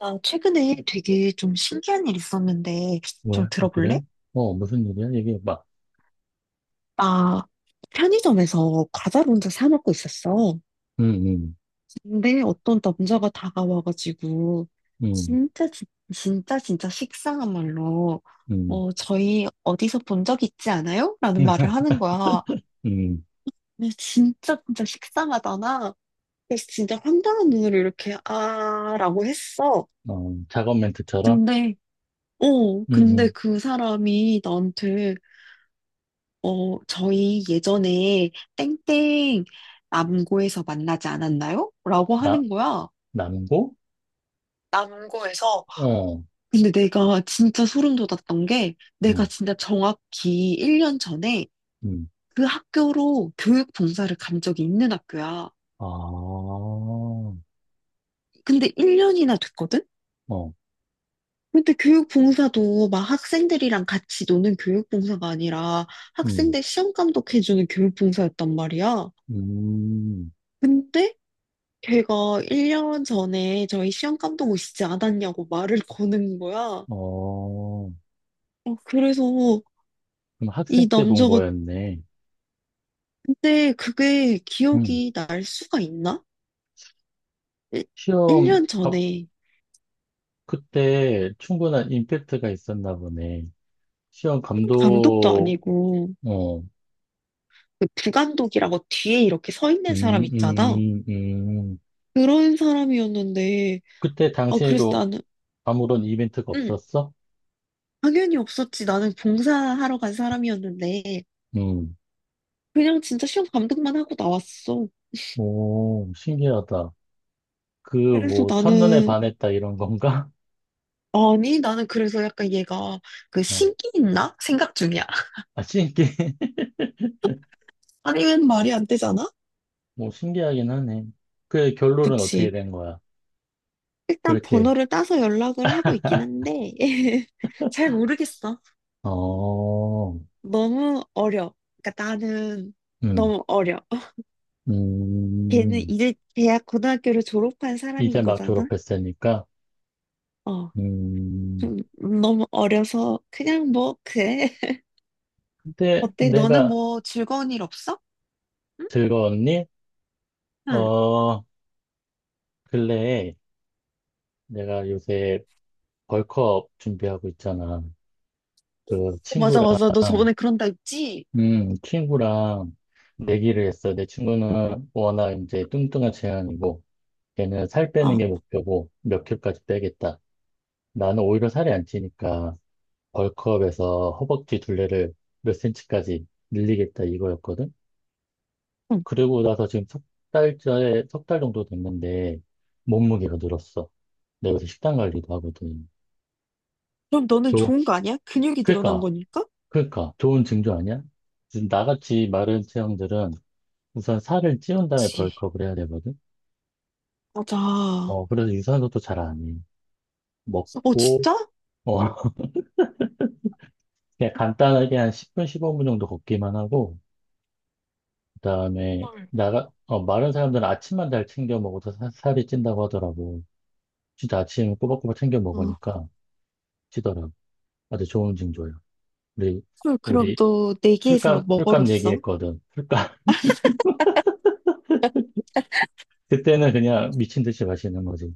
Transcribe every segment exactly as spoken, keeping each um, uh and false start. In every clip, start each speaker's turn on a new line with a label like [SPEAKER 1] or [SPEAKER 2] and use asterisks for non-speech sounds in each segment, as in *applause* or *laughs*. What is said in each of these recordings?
[SPEAKER 1] 나 최근에 되게 좀 신기한 일 있었는데
[SPEAKER 2] 왜?
[SPEAKER 1] 좀
[SPEAKER 2] 어, 그래?
[SPEAKER 1] 들어볼래?
[SPEAKER 2] 어, 무슨 일이야? 얘기해봐.
[SPEAKER 1] 나 편의점에서 과자를 혼자 사 먹고 있었어.
[SPEAKER 2] 응, 응,
[SPEAKER 1] 근데 어떤 남자가 다가와가지고
[SPEAKER 2] 응,
[SPEAKER 1] 진짜 진- 진짜 진짜 식상한 말로
[SPEAKER 2] 응.
[SPEAKER 1] 어 저희 어디서 본 적 있지 않아요? 라는 말을 하는 거야.
[SPEAKER 2] *laughs* 음.
[SPEAKER 1] 근데 진짜 진짜 식상하잖아. 그래서 진짜 황당한 눈으로 이렇게 아라고 했어.
[SPEAKER 2] 어, 작업 멘트처럼?
[SPEAKER 1] 근데 어
[SPEAKER 2] 음,
[SPEAKER 1] 근데
[SPEAKER 2] 음.
[SPEAKER 1] 그 사람이 나한테 어, 저희 예전에 땡땡 남고에서 만나지 않았나요? 라고
[SPEAKER 2] 나,
[SPEAKER 1] 하는 거야.
[SPEAKER 2] 남고?
[SPEAKER 1] 남고에서.
[SPEAKER 2] 어,
[SPEAKER 1] 근데 내가 진짜 소름 돋았던 게 내가
[SPEAKER 2] 음,
[SPEAKER 1] 진짜 정확히 일 년 전에
[SPEAKER 2] 음.
[SPEAKER 1] 그 학교로 교육 봉사를 간 적이 있는 학교야.
[SPEAKER 2] 아, 어,
[SPEAKER 1] 근데 일 년이나 됐거든? 근데 교육 봉사도 막 학생들이랑 같이 노는 교육 봉사가 아니라
[SPEAKER 2] 음,
[SPEAKER 1] 학생들 시험 감독해주는 교육 봉사였단 말이야.
[SPEAKER 2] 음,
[SPEAKER 1] 근데 걔가 일 년 전에 저희 시험 감독 오시지 않았냐고 말을 *laughs* 거는 거야. 어,
[SPEAKER 2] 어.
[SPEAKER 1] 그래서
[SPEAKER 2] 그럼 학생
[SPEAKER 1] 이
[SPEAKER 2] 때 본
[SPEAKER 1] 남자가.
[SPEAKER 2] 거였네.
[SPEAKER 1] 근데 그게
[SPEAKER 2] 음,
[SPEAKER 1] 기억이 날 수가 있나?
[SPEAKER 2] 시험,
[SPEAKER 1] 일 년
[SPEAKER 2] 가,
[SPEAKER 1] 전에.
[SPEAKER 2] 그때 충분한 임팩트가 있었나 보네. 시험
[SPEAKER 1] 감독도
[SPEAKER 2] 감독,
[SPEAKER 1] 아니고
[SPEAKER 2] 어, 음,
[SPEAKER 1] 그 부감독이라고 뒤에 이렇게 서 있는
[SPEAKER 2] 음,
[SPEAKER 1] 사람 있잖아.
[SPEAKER 2] 음. 음.
[SPEAKER 1] 그런 사람이었는데.
[SPEAKER 2] 그때
[SPEAKER 1] 아 그래서
[SPEAKER 2] 당시에도
[SPEAKER 1] 나는,
[SPEAKER 2] 아무런 이벤트가
[SPEAKER 1] 응,
[SPEAKER 2] 없었어?
[SPEAKER 1] 당연히 없었지. 나는 봉사하러 간 사람이었는데
[SPEAKER 2] 음.
[SPEAKER 1] 그냥 진짜 시험 감독만 하고 나왔어.
[SPEAKER 2] 오, 신기하다. 그,
[SPEAKER 1] 그래서
[SPEAKER 2] 뭐, 첫눈에
[SPEAKER 1] 나는,
[SPEAKER 2] 반했다, 이런 건가?
[SPEAKER 1] 아니, 나는 그래서 약간 얘가 그
[SPEAKER 2] *laughs* 어,
[SPEAKER 1] 식이 있나? 생각 중이야. *laughs*
[SPEAKER 2] 아, 신기, *laughs*
[SPEAKER 1] 아니면 말이 안 되잖아?
[SPEAKER 2] 뭐, 신기하긴 하네. 그 결론은 어떻게
[SPEAKER 1] 그치.
[SPEAKER 2] 된 거야?
[SPEAKER 1] 일단
[SPEAKER 2] 그렇게,
[SPEAKER 1] 번호를 따서 연락을 하고 있긴 한데, *laughs* 잘 모르겠어.
[SPEAKER 2] 어,
[SPEAKER 1] 너무 어려. 그러니까 나는
[SPEAKER 2] 음,
[SPEAKER 1] 너무 어려. 걔는
[SPEAKER 2] 음,
[SPEAKER 1] 이제 대학 고등학교를 졸업한
[SPEAKER 2] 이제
[SPEAKER 1] 사람인
[SPEAKER 2] 막
[SPEAKER 1] 거잖아?
[SPEAKER 2] 졸업했으니까.
[SPEAKER 1] 어.
[SPEAKER 2] 음,
[SPEAKER 1] 좀 너무 어려서 그냥 뭐 그래. *laughs*
[SPEAKER 2] 근데
[SPEAKER 1] 어때? 너는
[SPEAKER 2] 내가
[SPEAKER 1] 뭐 즐거운 일 없어? 응?
[SPEAKER 2] 들었니?
[SPEAKER 1] 응.
[SPEAKER 2] 어, 근래에 내가 요새 벌크업 준비하고 있잖아. 그
[SPEAKER 1] 어, 맞아,
[SPEAKER 2] 친구랑
[SPEAKER 1] 맞아. 너 저번에 그런다 했지?
[SPEAKER 2] 음, 친구랑 내기를 했어. 내 친구는 워낙 이제 뚱뚱한 체형이고, 걔는 살 빼는
[SPEAKER 1] 어.
[SPEAKER 2] 게 목표고, 몇 킬까지 빼겠다. 나는 오히려 살이 안 찌니까, 벌크업에서 허벅지 둘레를 몇 센치까지 늘리겠다 이거였거든?
[SPEAKER 1] 응.
[SPEAKER 2] 그러고 나서 지금 석 달째, 석 달 정도 됐는데, 몸무게가 늘었어. 내가 요새 식단 관리도 하거든.
[SPEAKER 1] 그럼 너는
[SPEAKER 2] 좋,
[SPEAKER 1] 좋은 거 아니야? 근육이 늘어난
[SPEAKER 2] 그니까,
[SPEAKER 1] 거니까?
[SPEAKER 2] 그니까, 좋은 징조 아니야? 지금 나같이 마른 체형들은 우선 살을 찌운 다음에
[SPEAKER 1] 그치.
[SPEAKER 2] 벌크업을 해야 되거든?
[SPEAKER 1] 맞아. 어,
[SPEAKER 2] 어, 그래서 유산소도 잘 안 해. 먹고,
[SPEAKER 1] 진짜?
[SPEAKER 2] 어, *laughs* 그냥 간단하게 한 십 분, 십오 분 정도 걷기만 하고, 그다음에
[SPEAKER 1] 헐.
[SPEAKER 2] 나가, 어, 마른 사람들은 아침만 잘 챙겨 먹어서 사- 살이 찐다고 하더라고. 진짜 아침 꼬박꼬박 챙겨
[SPEAKER 1] 어,
[SPEAKER 2] 먹으니까 찌더라고. 아주 좋은 징조야. 우리,
[SPEAKER 1] 헐, 그럼
[SPEAKER 2] 우리
[SPEAKER 1] 너 내기에서
[SPEAKER 2] 술값,
[SPEAKER 1] 뭐
[SPEAKER 2] 술값
[SPEAKER 1] 걸었어?
[SPEAKER 2] 얘기했거든. 술값. *laughs* 그때는 그냥 미친 듯이 마시는 거지.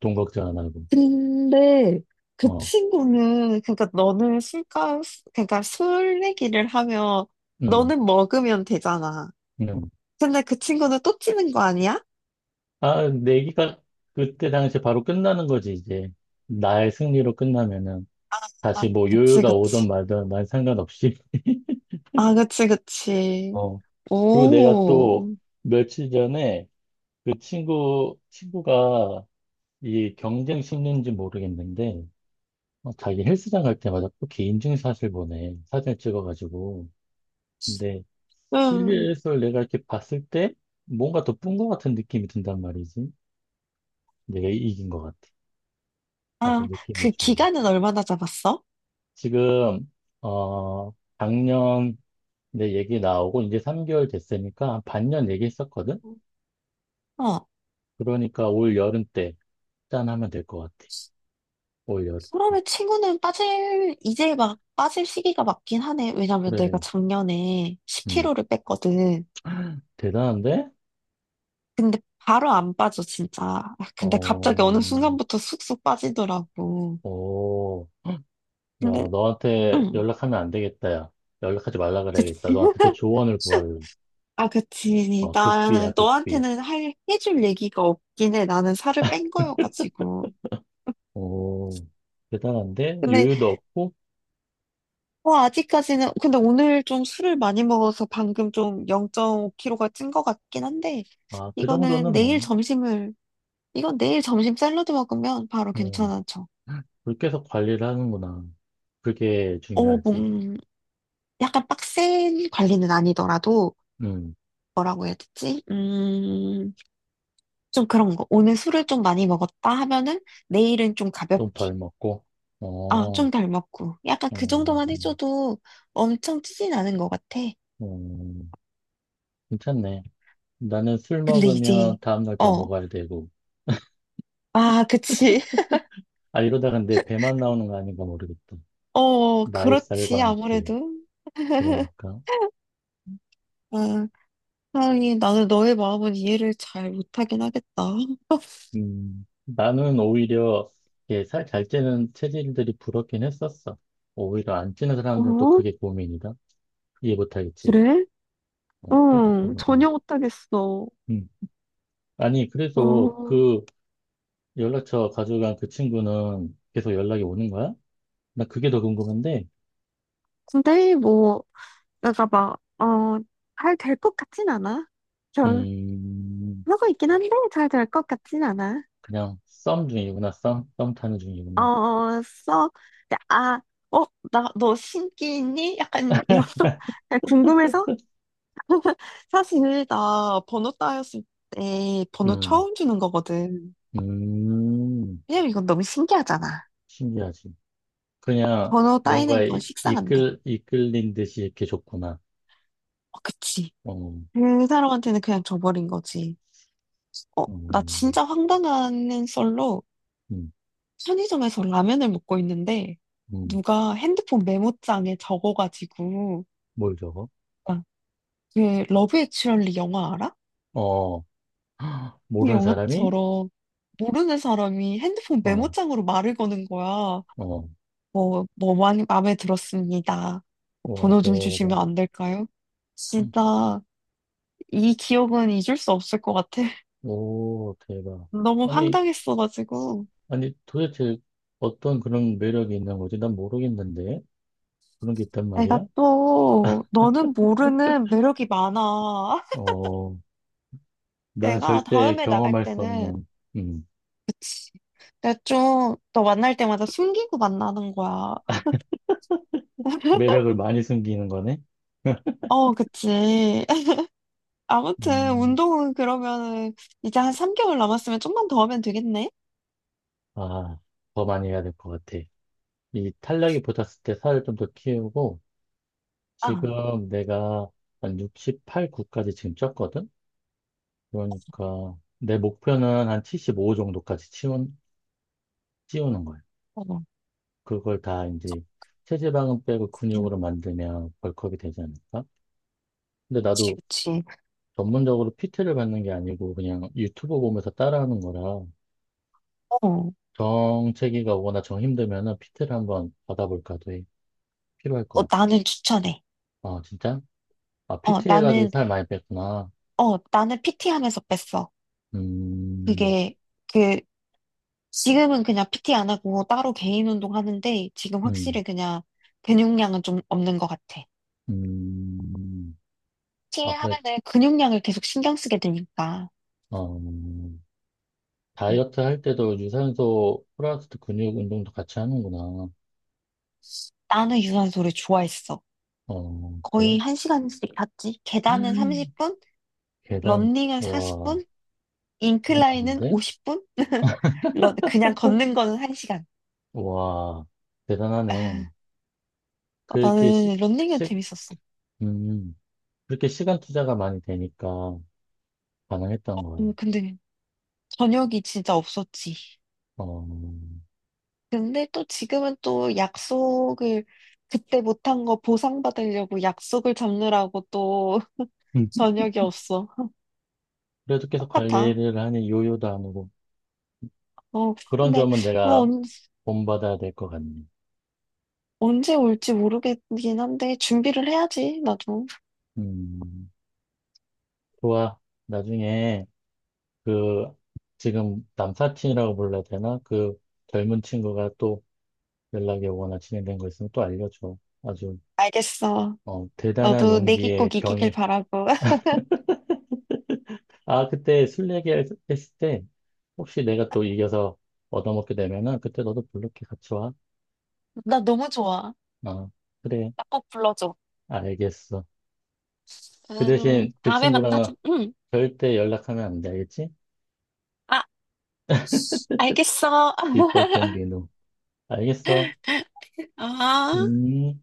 [SPEAKER 2] 돈 걱정 안 하고.
[SPEAKER 1] 근데 그
[SPEAKER 2] 어,
[SPEAKER 1] 친구는, 그러니까 너는 술값, 그러니까 술 내기를 하면
[SPEAKER 2] 음,
[SPEAKER 1] 너는 먹으면 되잖아.
[SPEAKER 2] 음.
[SPEAKER 1] 근데 그 친구는 또 찌는 거 아니야?
[SPEAKER 2] 아, 내기가 그때 당시 바로 끝나는 거지, 이제. 나의 승리로 끝나면은.
[SPEAKER 1] 아,
[SPEAKER 2] 다시 뭐
[SPEAKER 1] 그치
[SPEAKER 2] 요요가
[SPEAKER 1] 그치.
[SPEAKER 2] 오든 말든 난 상관없이. *laughs*
[SPEAKER 1] 아 그치 그치.
[SPEAKER 2] 어, 그리고 내가 또
[SPEAKER 1] 오.
[SPEAKER 2] 며칠 전에 그 친구, 친구가 이 경쟁 심리인지 모르겠는데, 어, 자기 헬스장 갈 때마다 또 개인증 사진 보내. 사진을 찍어가지고. 근데
[SPEAKER 1] 응.
[SPEAKER 2] 실내에서 내가 이렇게 봤을 때 뭔가 더 뿐 것 같은 느낌이 든단 말이지. 내가 이긴 것 같아. 아주
[SPEAKER 1] 아
[SPEAKER 2] 느낌이
[SPEAKER 1] 그
[SPEAKER 2] 좋아.
[SPEAKER 1] 기간은 얼마나 잡았어?
[SPEAKER 2] 지금, 어, 작년 내 얘기 나오고 이제 삼 개월 됐으니까 한 반년 얘기했었거든?
[SPEAKER 1] 어.
[SPEAKER 2] 그러니까 올 여름 때 짠하면 될 것 같아. 올 여름 때.
[SPEAKER 1] 사람의 친구는 빠질, 이제 막 빠질 시기가 맞긴 하네. 왜냐면 내가
[SPEAKER 2] 그래.
[SPEAKER 1] 작년에
[SPEAKER 2] 음.
[SPEAKER 1] 십 킬로를 뺐거든.
[SPEAKER 2] *laughs* 대단한데?
[SPEAKER 1] 근데 바로 안 빠져, 진짜. *laughs* 아, 근데 갑자기
[SPEAKER 2] 어,
[SPEAKER 1] 어느 순간부터 쑥쑥 빠지더라고.
[SPEAKER 2] 어, 야,
[SPEAKER 1] 근데,
[SPEAKER 2] 너한테
[SPEAKER 1] 응.
[SPEAKER 2] 연락하면 안 되겠다, 야. 연락하지 말라 그래야겠다.
[SPEAKER 1] 그치.
[SPEAKER 2] 너한테 또 조언을
[SPEAKER 1] *laughs*
[SPEAKER 2] 구할래.
[SPEAKER 1] 아, 그치.
[SPEAKER 2] 어,
[SPEAKER 1] 나는
[SPEAKER 2] 극비야, 극비.
[SPEAKER 1] 너한테는 할, 해줄 얘기가 없긴 해. 나는 살을 뺀 거여가지고.
[SPEAKER 2] 오, 대단한데?
[SPEAKER 1] 근데,
[SPEAKER 2] 여유도 없고?
[SPEAKER 1] 뭐, 아직까지는, 근데 오늘 좀 술을 많이 먹어서 방금 좀 영 점 오 킬로가 찐 것 같긴 한데,
[SPEAKER 2] 아, 그
[SPEAKER 1] 이거는
[SPEAKER 2] 정도는
[SPEAKER 1] 내일
[SPEAKER 2] 뭐.
[SPEAKER 1] 점심을 이건 내일 점심 샐러드 먹으면 바로
[SPEAKER 2] 음,
[SPEAKER 1] 괜찮아져.
[SPEAKER 2] 계속 관리를 하는구나. 그게
[SPEAKER 1] 어,
[SPEAKER 2] 중요하지.
[SPEAKER 1] 몸, 약간 빡센 관리는 아니더라도,
[SPEAKER 2] 음,
[SPEAKER 1] 뭐라고 해야 되지? 음, 좀 그런 거. 오늘 술을 좀 많이 먹었다 하면은 내일은 좀
[SPEAKER 2] 좀
[SPEAKER 1] 가볍게.
[SPEAKER 2] 덜 먹고.
[SPEAKER 1] 아,
[SPEAKER 2] 어,
[SPEAKER 1] 좀 덜 먹고. 약간 그
[SPEAKER 2] 음,
[SPEAKER 1] 정도만
[SPEAKER 2] 음.
[SPEAKER 1] 해줘도 엄청 찌진 않은 것 같아.
[SPEAKER 2] 음. 괜찮네. 나는 술
[SPEAKER 1] 근데
[SPEAKER 2] 먹으면
[SPEAKER 1] 이제,
[SPEAKER 2] 다음날 더
[SPEAKER 1] 어,
[SPEAKER 2] 먹어야 되고.
[SPEAKER 1] 아, 그치. *laughs*
[SPEAKER 2] 아, 이러다 근데 배만 나오는 거 아닌가 모르겠다.
[SPEAKER 1] 어,
[SPEAKER 2] 나이 살과
[SPEAKER 1] 그렇지.
[SPEAKER 2] 함께.
[SPEAKER 1] 아무래도.
[SPEAKER 2] 그러니까.
[SPEAKER 1] 아, 하긴 나는 너의 마음은 이해를 잘 못하긴 하겠다.
[SPEAKER 2] 음, 나는 오히려 이게 살잘 찌는 체질들이 부럽긴 했었어. 오히려 안 찌는 사람들은 또
[SPEAKER 1] 어?
[SPEAKER 2] 그게 고민이다. 이해 못하겠지.
[SPEAKER 1] 그래?
[SPEAKER 2] 어, 그게 또
[SPEAKER 1] 응,
[SPEAKER 2] 고민이야.
[SPEAKER 1] 전혀 못하겠어.
[SPEAKER 2] 음. 아니, 그래서
[SPEAKER 1] 어,
[SPEAKER 2] 그 연락처 가져간 그 친구는 계속 연락이 오는 거야? 나 그게 더 궁금한데.
[SPEAKER 1] 근데 뭐, 내가 막, 어, 잘 될 것 같진 않아. 별,
[SPEAKER 2] 음,
[SPEAKER 1] 하고 있긴 한데, 잘 될 것 같진 않아.
[SPEAKER 2] 그냥 썸 중이구나. 썸? 썸 타는 중이구나.
[SPEAKER 1] 어, 써. 근데 아, 어, 나, 너 신기 있니? 약간, 이런, *laughs* 그냥 궁금해서? 사실, 나 번호 따였을 때 번호
[SPEAKER 2] 음,
[SPEAKER 1] 처음 주는 거거든.
[SPEAKER 2] 음,
[SPEAKER 1] 왜냐면 이건 너무 신기하잖아.
[SPEAKER 2] 신기하지. 그냥
[SPEAKER 1] 번호 따이는
[SPEAKER 2] 뭔가에
[SPEAKER 1] 건
[SPEAKER 2] 이-
[SPEAKER 1] 식상한데.
[SPEAKER 2] 이끌, 이끌린 듯이 이렇게 줬구나.
[SPEAKER 1] 어, 그치.
[SPEAKER 2] 어,
[SPEAKER 1] 그 사람한테는 그냥 줘버린 거지. 어, 나
[SPEAKER 2] 음,
[SPEAKER 1] 진짜 황당한 썰로
[SPEAKER 2] 음,
[SPEAKER 1] 편의점에서 라면을 먹고 있는데
[SPEAKER 2] 음,
[SPEAKER 1] 누가 핸드폰 메모장에 적어가지고,
[SPEAKER 2] 뭘 저거?
[SPEAKER 1] 아, 그 러브 액츄얼리 영화 알아?
[SPEAKER 2] 어, *gasps*
[SPEAKER 1] 그
[SPEAKER 2] 모르는 사람이?
[SPEAKER 1] 영화처럼 모르는 사람이 핸드폰
[SPEAKER 2] 어,
[SPEAKER 1] 메모장으로 말을 거는 거야.
[SPEAKER 2] 어,
[SPEAKER 1] 뭐, 뭐 많이 마음에 들었습니다.
[SPEAKER 2] 와,
[SPEAKER 1] 번호 좀
[SPEAKER 2] 대박.
[SPEAKER 1] 주시면 안 될까요? 진짜 이 기억은 잊을 수 없을 것 같아. *laughs*
[SPEAKER 2] 오, 대박.
[SPEAKER 1] 너무
[SPEAKER 2] 아니,
[SPEAKER 1] 황당했어가지고.
[SPEAKER 2] 아니, 도대체 어떤 그런 매력이 있는 거지? 난 모르겠는데. 그런 게 있단
[SPEAKER 1] 내가
[SPEAKER 2] 말이야?
[SPEAKER 1] 또 너는 모르는 매력이 많아. *laughs*
[SPEAKER 2] 어, 나는
[SPEAKER 1] 내가
[SPEAKER 2] 절대
[SPEAKER 1] 다음에 나갈
[SPEAKER 2] 경험할 수
[SPEAKER 1] 때는
[SPEAKER 2] 없는. 음,
[SPEAKER 1] 내가 좀 너 만날 때마다 숨기고 만나는 거야.
[SPEAKER 2] 매력을 많이 숨기는 거네?
[SPEAKER 1] 어, 그치. *laughs* 아무튼
[SPEAKER 2] 음,
[SPEAKER 1] 운동은 그러면은 이제 한 삼 개월 남았으면 좀만 더 하면 되겠네.
[SPEAKER 2] 아, 더 많이 해야 될 것 같아. 이 탄력이 붙었을 때 살을 좀 더 키우고,
[SPEAKER 1] 아,
[SPEAKER 2] 지금 내가 한 육십팔, 구까지 지금 쪘거든? 그러니까, 내 목표는 한 칠십오 정도까지 치운, 찌우는 거야.
[SPEAKER 1] 어,
[SPEAKER 2] 그걸 다 이제 체지방은 빼고 근육으로 만들면 벌크업이 되지 않을까? 근데
[SPEAKER 1] 그치,
[SPEAKER 2] 나도
[SPEAKER 1] 그치.
[SPEAKER 2] 전문적으로 피티를 받는 게 아니고 그냥 유튜브 보면서 따라하는 거라
[SPEAKER 1] 어, 어,
[SPEAKER 2] 정체기가 오거나 정 힘들면은 피티를 한번 받아볼까도 해. 필요할 것
[SPEAKER 1] 나는 추천해.
[SPEAKER 2] 같아. 아, 진짜? 아,
[SPEAKER 1] 어,
[SPEAKER 2] 피티 해가지고
[SPEAKER 1] 나는,
[SPEAKER 2] 살 많이 뺐구나.
[SPEAKER 1] 어, 나는 피티 하면서 뺐어.
[SPEAKER 2] 음,
[SPEAKER 1] 그게, 그 지금은 그냥 피티 안 하고 따로 개인 운동 하는데 지금
[SPEAKER 2] 음,
[SPEAKER 1] 확실히 그냥 근육량은 좀 없는 것 같아.
[SPEAKER 2] 음.
[SPEAKER 1] 피티
[SPEAKER 2] 아, 그래,
[SPEAKER 1] 하면은 근육량을 계속 신경 쓰게 되니까.
[SPEAKER 2] 어,
[SPEAKER 1] 음.
[SPEAKER 2] 다이어트 할 때도 유산소 플러스 근육 운동도 같이 하는구나.
[SPEAKER 1] 나는 유산소를 좋아했어.
[SPEAKER 2] 어,
[SPEAKER 1] 거의
[SPEAKER 2] 그래.
[SPEAKER 1] 한시간씩 갔지. 계단은
[SPEAKER 2] *laughs*
[SPEAKER 1] 삼십 분,
[SPEAKER 2] 계단,
[SPEAKER 1] 런닝은
[SPEAKER 2] 와,
[SPEAKER 1] 사십 분,
[SPEAKER 2] 장난
[SPEAKER 1] 인클라인은
[SPEAKER 2] 아닌데?
[SPEAKER 1] 오십 분, *laughs* 런, 그냥 걷는 거는 한 시간.
[SPEAKER 2] 와, 대단하네.
[SPEAKER 1] 아, *laughs*
[SPEAKER 2] 그렇게 시,
[SPEAKER 1] 나는 런닝은
[SPEAKER 2] 시,
[SPEAKER 1] 재밌었어.
[SPEAKER 2] 음, 그렇게 시간 투자가 많이 되니까 가능했던 거야.
[SPEAKER 1] 음, 근데 저녁이 진짜 없었지.
[SPEAKER 2] 어,
[SPEAKER 1] 근데 또 지금은 또 약속을 그때 못한 거 보상받으려고 약속을 잡느라고 또 *laughs*
[SPEAKER 2] *laughs*
[SPEAKER 1] 저녁이 없어.
[SPEAKER 2] 그래도 계속
[SPEAKER 1] 똑같아.
[SPEAKER 2] 관리를 하니 요요도 안 오고
[SPEAKER 1] 어,
[SPEAKER 2] 그런
[SPEAKER 1] 근데
[SPEAKER 2] 점은
[SPEAKER 1] 어,
[SPEAKER 2] 내가
[SPEAKER 1] 언,
[SPEAKER 2] 본받아야 될 것 같네.
[SPEAKER 1] 언제 올지 모르겠긴 한데 준비를 해야지, 나도.
[SPEAKER 2] 음, 좋아. 나중에 그 지금 남사친이라고 불러야 되나? 그 젊은 친구가 또 연락이 오거나 진행된 거 있으면 또 알려줘. 아주
[SPEAKER 1] 알겠어.
[SPEAKER 2] 어, 대단한
[SPEAKER 1] 너도 내기
[SPEAKER 2] 용기의
[SPEAKER 1] 꼭 이기길
[SPEAKER 2] 경이.
[SPEAKER 1] 바라고. *laughs*
[SPEAKER 2] 아, 그때 술 얘기했을 때 혹시 내가 또 이겨서 얻어먹게 되면은 그때 너도 블루키 같이 와.
[SPEAKER 1] 나 너무 좋아.
[SPEAKER 2] 어, 그래.
[SPEAKER 1] 나 꼭 불러줘.
[SPEAKER 2] 알겠어. 그
[SPEAKER 1] 음,
[SPEAKER 2] 대신 그
[SPEAKER 1] 다음에
[SPEAKER 2] 친구랑은
[SPEAKER 1] 만나자. 응.
[SPEAKER 2] 절대 연락하면 안 돼. 알겠지?
[SPEAKER 1] 아, 알겠어.
[SPEAKER 2] 비법
[SPEAKER 1] *laughs*
[SPEAKER 2] 공개 후. 알겠어.
[SPEAKER 1] 아.
[SPEAKER 2] 음.